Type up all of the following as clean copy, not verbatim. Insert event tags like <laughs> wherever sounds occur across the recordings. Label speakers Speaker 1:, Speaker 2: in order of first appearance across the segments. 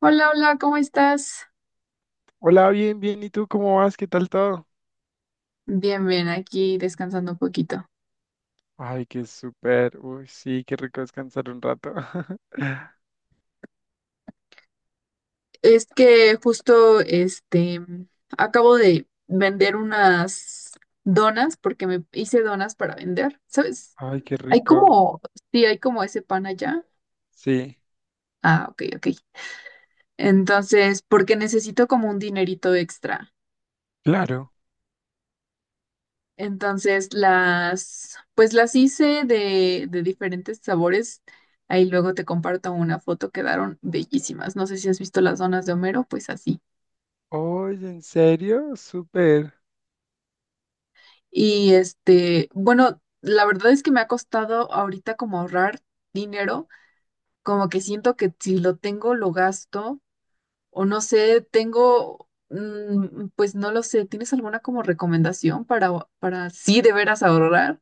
Speaker 1: Hola, hola, ¿cómo estás?
Speaker 2: Hola, bien, bien. ¿Y tú cómo vas? ¿Qué tal todo?
Speaker 1: Bien, bien, aquí descansando un poquito.
Speaker 2: Ay, qué súper. Uy, sí, qué rico descansar un rato. <laughs>
Speaker 1: Es que justo, acabo de vender unas donas porque me hice donas para vender, ¿sabes?
Speaker 2: Ay, qué
Speaker 1: Hay
Speaker 2: rico.
Speaker 1: como, sí, hay como ese pan allá.
Speaker 2: Sí,
Speaker 1: Ah, ok, ok. Entonces, porque necesito como un dinerito extra.
Speaker 2: claro.
Speaker 1: Entonces pues las hice de diferentes sabores. Ahí luego te comparto una foto, quedaron bellísimas. No sé si has visto las donas de Homero, pues así.
Speaker 2: Oye, ¿en serio? Súper.
Speaker 1: Y bueno, la verdad es que me ha costado ahorita como ahorrar dinero, como que siento que si lo tengo lo gasto o no sé, pues no lo sé, ¿tienes alguna como recomendación para sí de veras ahorrar?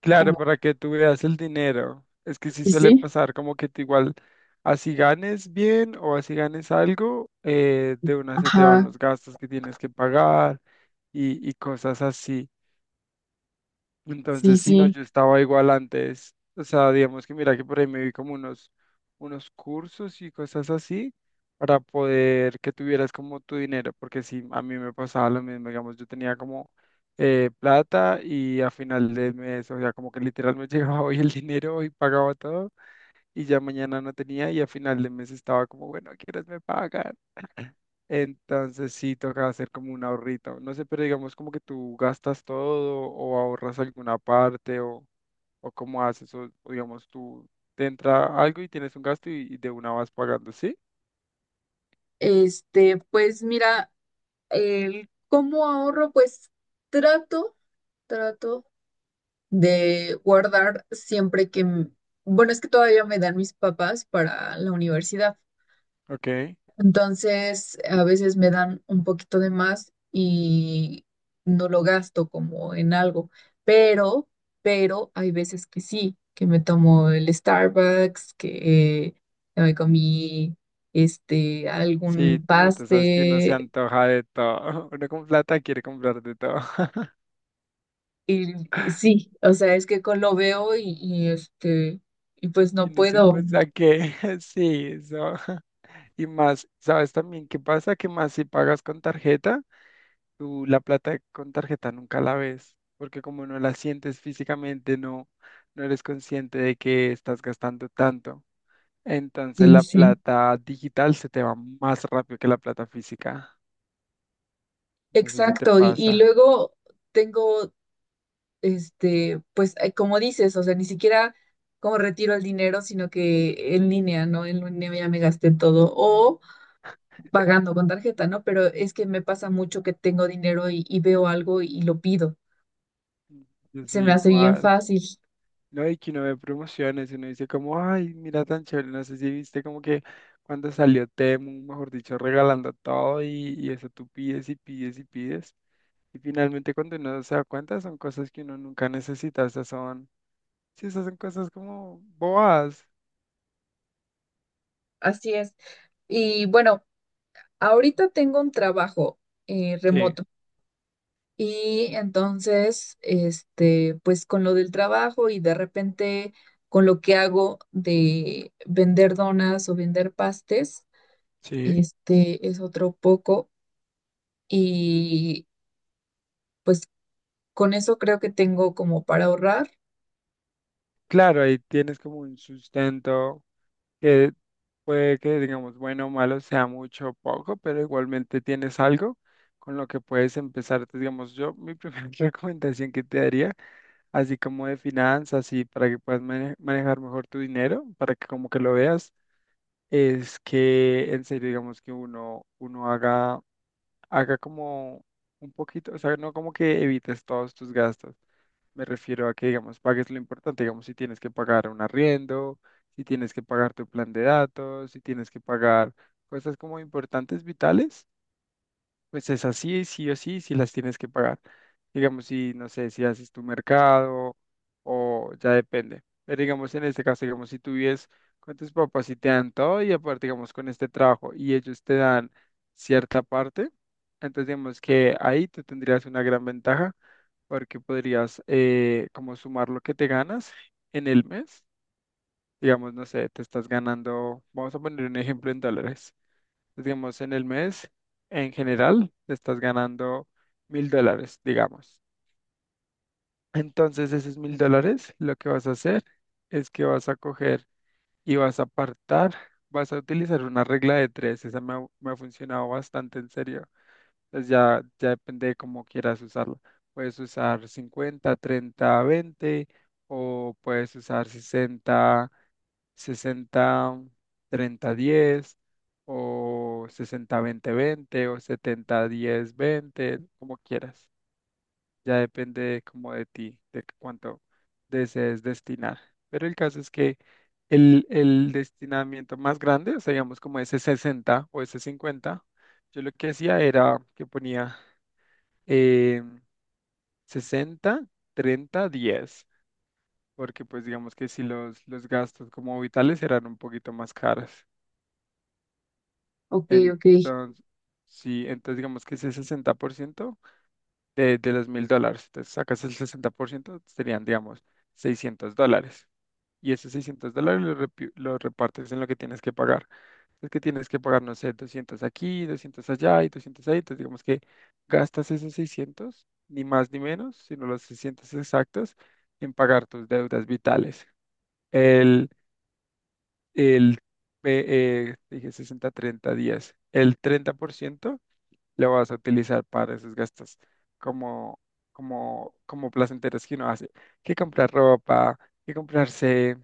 Speaker 2: Claro,
Speaker 1: Como,
Speaker 2: para que tú veas el dinero. Es que sí
Speaker 1: sí,
Speaker 2: suele
Speaker 1: sí.
Speaker 2: pasar como que tú igual, así ganes bien o así ganes algo, de una se te van
Speaker 1: Ajá,
Speaker 2: los gastos que tienes que pagar y cosas así.
Speaker 1: sí,
Speaker 2: Entonces, si no,
Speaker 1: sí.
Speaker 2: yo estaba igual antes. O sea, digamos que mira que por ahí me vi como unos cursos y cosas así para poder que tuvieras como tu dinero, porque si a mí me pasaba lo mismo, digamos, yo tenía como plata y a final del mes, o sea, como que literal me <laughs> llegaba hoy el dinero y pagaba todo y ya mañana no tenía y a final del mes estaba como, bueno, ¿quieres me pagas? Entonces sí toca hacer como un ahorrito. No sé, pero digamos como que tú gastas todo o ahorras alguna parte o cómo haces o digamos tú te entra algo y tienes un gasto y de una vas pagando, ¿sí?
Speaker 1: Pues mira, el cómo ahorro, pues trato, trato de guardar siempre que, bueno, es que todavía me dan mis papás para la universidad.
Speaker 2: Ok.
Speaker 1: Entonces, a veces me dan un poquito de más y no lo gasto como en algo, pero, pero hay veces que sí, que me tomo el Starbucks, que me comí
Speaker 2: Sí,
Speaker 1: algún
Speaker 2: no, tú sabes que uno se
Speaker 1: paste.
Speaker 2: antoja de todo. <laughs> Uno con plata quiere comprar de todo. <laughs>
Speaker 1: Y sí, o sea, es que lo veo y y pues
Speaker 2: Y
Speaker 1: no
Speaker 2: ni se
Speaker 1: puedo.
Speaker 2: piensa que <laughs> sí, eso. <laughs> Y más, ¿sabes también qué pasa? Que más si pagas con tarjeta, tú la plata con tarjeta nunca la ves. Porque como no la sientes físicamente, no eres consciente de que estás gastando tanto. Entonces
Speaker 1: Sí,
Speaker 2: la
Speaker 1: sí.
Speaker 2: plata digital se te va más rápido que la plata física. No sé si te
Speaker 1: Exacto. Y,
Speaker 2: pasa.
Speaker 1: y luego tengo, pues como dices, o sea, ni siquiera como retiro el dinero, sino que en línea, ¿no? En línea ya me gasté todo. O pagando con tarjeta, ¿no? Pero es que me pasa mucho que tengo dinero y veo algo y lo pido.
Speaker 2: Yo
Speaker 1: Se
Speaker 2: soy
Speaker 1: me hace bien
Speaker 2: igual.
Speaker 1: fácil.
Speaker 2: No, y que uno ve promociones, uno dice como, ay, mira tan chévere, no sé si viste como que cuando salió Temu, mejor dicho, regalando todo y eso tú pides y pides y pides. Y finalmente cuando uno se da cuenta son cosas que uno nunca necesita, esas son, sí, esas son cosas como boas.
Speaker 1: Así es. Y bueno, ahorita tengo un trabajo
Speaker 2: Sí,
Speaker 1: remoto. Y entonces, pues con lo del trabajo y de repente con lo que hago de vender donas o vender pastes,
Speaker 2: sí.
Speaker 1: este es otro poco. Y pues con eso creo que tengo como para ahorrar.
Speaker 2: Claro, ahí tienes como un sustento. Que puede que, digamos, bueno o malo sea mucho o poco, pero igualmente tienes algo con lo que puedes empezar. Entonces, digamos, yo mi primera <laughs> recomendación que te daría, así como de finanzas y para que puedas manejar mejor tu dinero, para que como que lo veas, es que en serio, digamos, que uno haga como un poquito, o sea, no como que evites todos tus gastos. Me refiero a que, digamos, pagues lo importante, digamos, si tienes que pagar un arriendo, si tienes que pagar tu plan de datos, si tienes que pagar cosas como importantes, vitales, pues es así, sí o sí, si las tienes que pagar. Digamos, si, no sé, si haces tu mercado o ya depende. Pero digamos, en este caso, digamos, si tú vives con tus papás y te dan todo y aparte, digamos, con este trabajo y ellos te dan cierta parte, entonces digamos que ahí tú tendrías una gran ventaja porque podrías como sumar lo que te ganas en el mes. Digamos, no sé, te estás ganando, vamos a poner un ejemplo en dólares, digamos, en el mes, en general, estás ganando 1.000 dólares, digamos. Entonces, esos mil dólares, lo que vas a hacer es que vas a coger y vas a apartar, vas a utilizar una regla de tres. Esa me ha funcionado bastante en serio. Entonces ya depende de cómo quieras usarlo. Puedes usar 50, 30, 20 o puedes usar 60, 60, 30, 10 o 60, 20, 20 o setenta, diez, veinte, como quieras. Ya depende como de ti, de cuánto desees destinar. Pero el caso es que el destinamiento más grande, o sea, digamos como ese 60 o ese 50, yo lo que hacía era que ponía eh, 60, 30, 10, porque pues digamos que si los gastos como vitales eran un poquito más caros.
Speaker 1: Ok, ok.
Speaker 2: Entonces, sí, entonces digamos que ese 60% de los mil dólares, entonces sacas el 60% serían digamos 600 dólares. Y esos 600 dólares los repartes en lo que tienes que pagar. Es que tienes que pagar, no sé, 200 aquí, 200 allá y 200 ahí. Entonces, digamos que gastas esos seiscientos ni más ni menos, sino los 600 exactos, en pagar tus deudas vitales. El, el eh, dije 60 30 días. El 30% lo vas a utilizar para esos gastos como, como placenteros que uno hace, que comprar ropa, que comprarse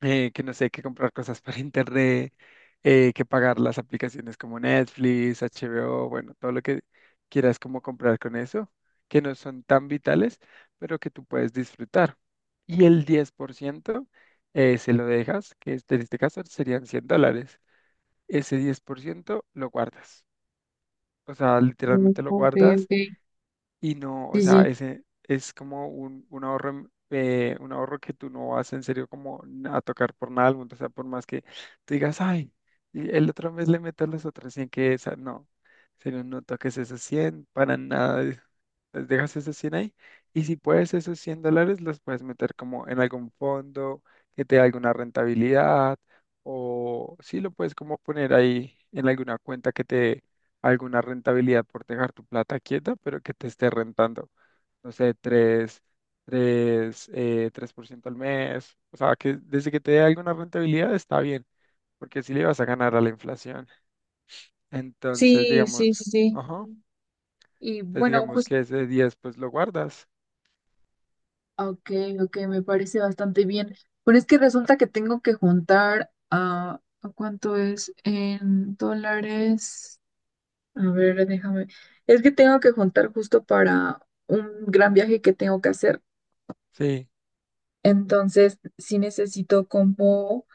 Speaker 2: que no sé, que comprar cosas para internet, que pagar las aplicaciones como Netflix, HBO, bueno, todo lo que quieras como comprar con eso, que no son tan vitales, pero que tú puedes disfrutar. Y el 10% se lo dejas, en este caso serían 100 dólares. Ese 10% lo guardas. O sea,
Speaker 1: Mm,
Speaker 2: literalmente lo
Speaker 1: ok,
Speaker 2: guardas
Speaker 1: ok.
Speaker 2: y no, o
Speaker 1: Sí,
Speaker 2: sea,
Speaker 1: sí.
Speaker 2: ese es como un ahorro que tú no vas en serio como a tocar por nada del mundo. O sea, por más que tú digas, ay, y el otro mes le meto las otras cien que esa, no. En serio, no toques esos 100 para nada. Pues dejas esos 100 ahí. Y si puedes, esos 100 dólares los puedes meter como en algún fondo que te dé alguna rentabilidad. O sí, lo puedes como poner ahí en alguna cuenta que te dé alguna rentabilidad por dejar tu plata quieta, pero que te esté rentando, no sé, tres por ciento al mes. O sea, que desde que te dé alguna rentabilidad está bien, porque si le vas a ganar a la inflación. Entonces,
Speaker 1: Sí, sí, sí,
Speaker 2: digamos,
Speaker 1: sí.
Speaker 2: ajá,
Speaker 1: Y
Speaker 2: entonces
Speaker 1: bueno,
Speaker 2: digamos que ese 10 pues lo guardas.
Speaker 1: ok, ok, me parece bastante bien. Pero es que resulta que tengo que juntar ¿a ¿cuánto es en dólares? A ver, déjame. Es que tengo que juntar justo para un gran viaje que tengo que hacer.
Speaker 2: Sí,
Speaker 1: Entonces, sí necesito como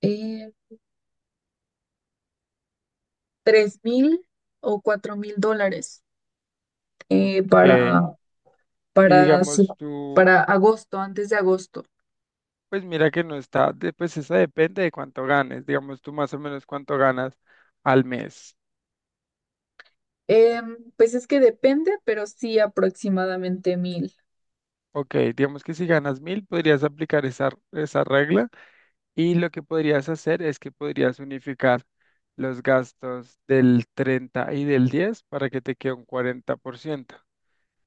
Speaker 1: eh, 3000 o 4000 dólares eh,
Speaker 2: ok.
Speaker 1: para,
Speaker 2: Y
Speaker 1: para, se-
Speaker 2: digamos tú,
Speaker 1: para agosto, antes de agosto.
Speaker 2: pues mira que no está, pues eso depende de cuánto ganes. Digamos tú más o menos cuánto ganas al mes.
Speaker 1: Em, pues es que depende, pero sí aproximadamente 1000.
Speaker 2: Ok, digamos que si ganas mil, podrías aplicar esa regla y lo que podrías hacer es que podrías unificar los gastos del 30 y del 10 para que te quede un 40%.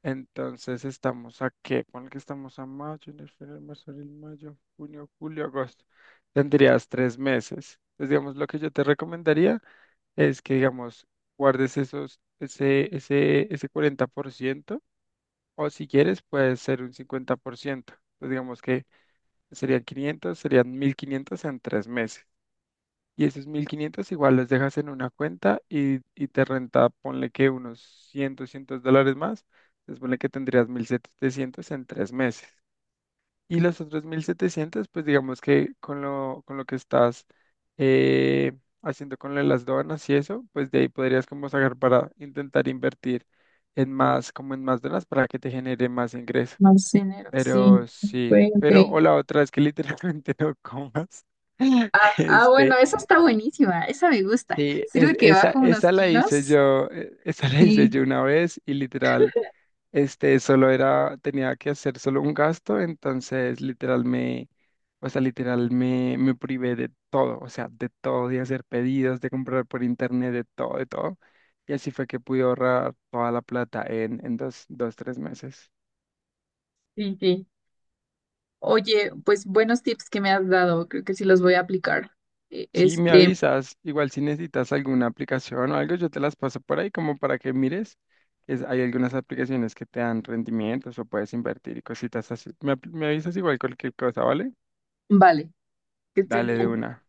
Speaker 2: Entonces estamos a qué, pon que estamos a mayo, enero, febrero, marzo, abril, mayo, junio, julio, agosto. Tendrías 3 meses. Entonces, digamos, lo que yo te recomendaría es que, digamos, guardes ese 40%. O si quieres, puede ser un 50%, pues digamos que serían 1500 en tres meses. Y esos 1500 igual los dejas en una cuenta y te renta, ponle que unos 100 200 dólares más. Entonces, ponle que tendrías 1700 en tres meses. Y los otros 1700 pues digamos que con lo, que estás eh, haciendo con lo de las donas y eso, pues de ahí podrías como sacar para intentar invertir en más, como en más donas para que te genere más ingreso.
Speaker 1: Más dinero, sí.
Speaker 2: Pero
Speaker 1: Ok,
Speaker 2: sí,
Speaker 1: ok.
Speaker 2: pero o la otra es que literalmente <laughs> no comas. <laughs>
Speaker 1: Ah, bueno,
Speaker 2: Este,
Speaker 1: esa está buenísima, esa me gusta.
Speaker 2: sí,
Speaker 1: Sirve que
Speaker 2: esa,
Speaker 1: bajo unos
Speaker 2: esa la hice
Speaker 1: kilos.
Speaker 2: yo, esa la hice
Speaker 1: Sí,
Speaker 2: yo una vez y literal, este, solo era, tenía que hacer solo un gasto, entonces literal me privé de todo, o sea, de todo, de hacer pedidos, de comprar por internet, de todo, de todo. Y así fue que pude ahorrar toda la plata en dos, dos, tres meses.
Speaker 1: sí, sí. Oye, pues buenos tips que me has dado, creo que sí los voy a aplicar. E-
Speaker 2: Sí, me
Speaker 1: Este,
Speaker 2: avisas. Igual si necesitas alguna aplicación o algo, yo te las paso por ahí como para que mires. Hay algunas aplicaciones que te dan rendimientos o puedes invertir y cositas así. Me avisas igual cualquier cosa, ¿vale?
Speaker 1: vale, que estés
Speaker 2: Dale de
Speaker 1: bien.
Speaker 2: una.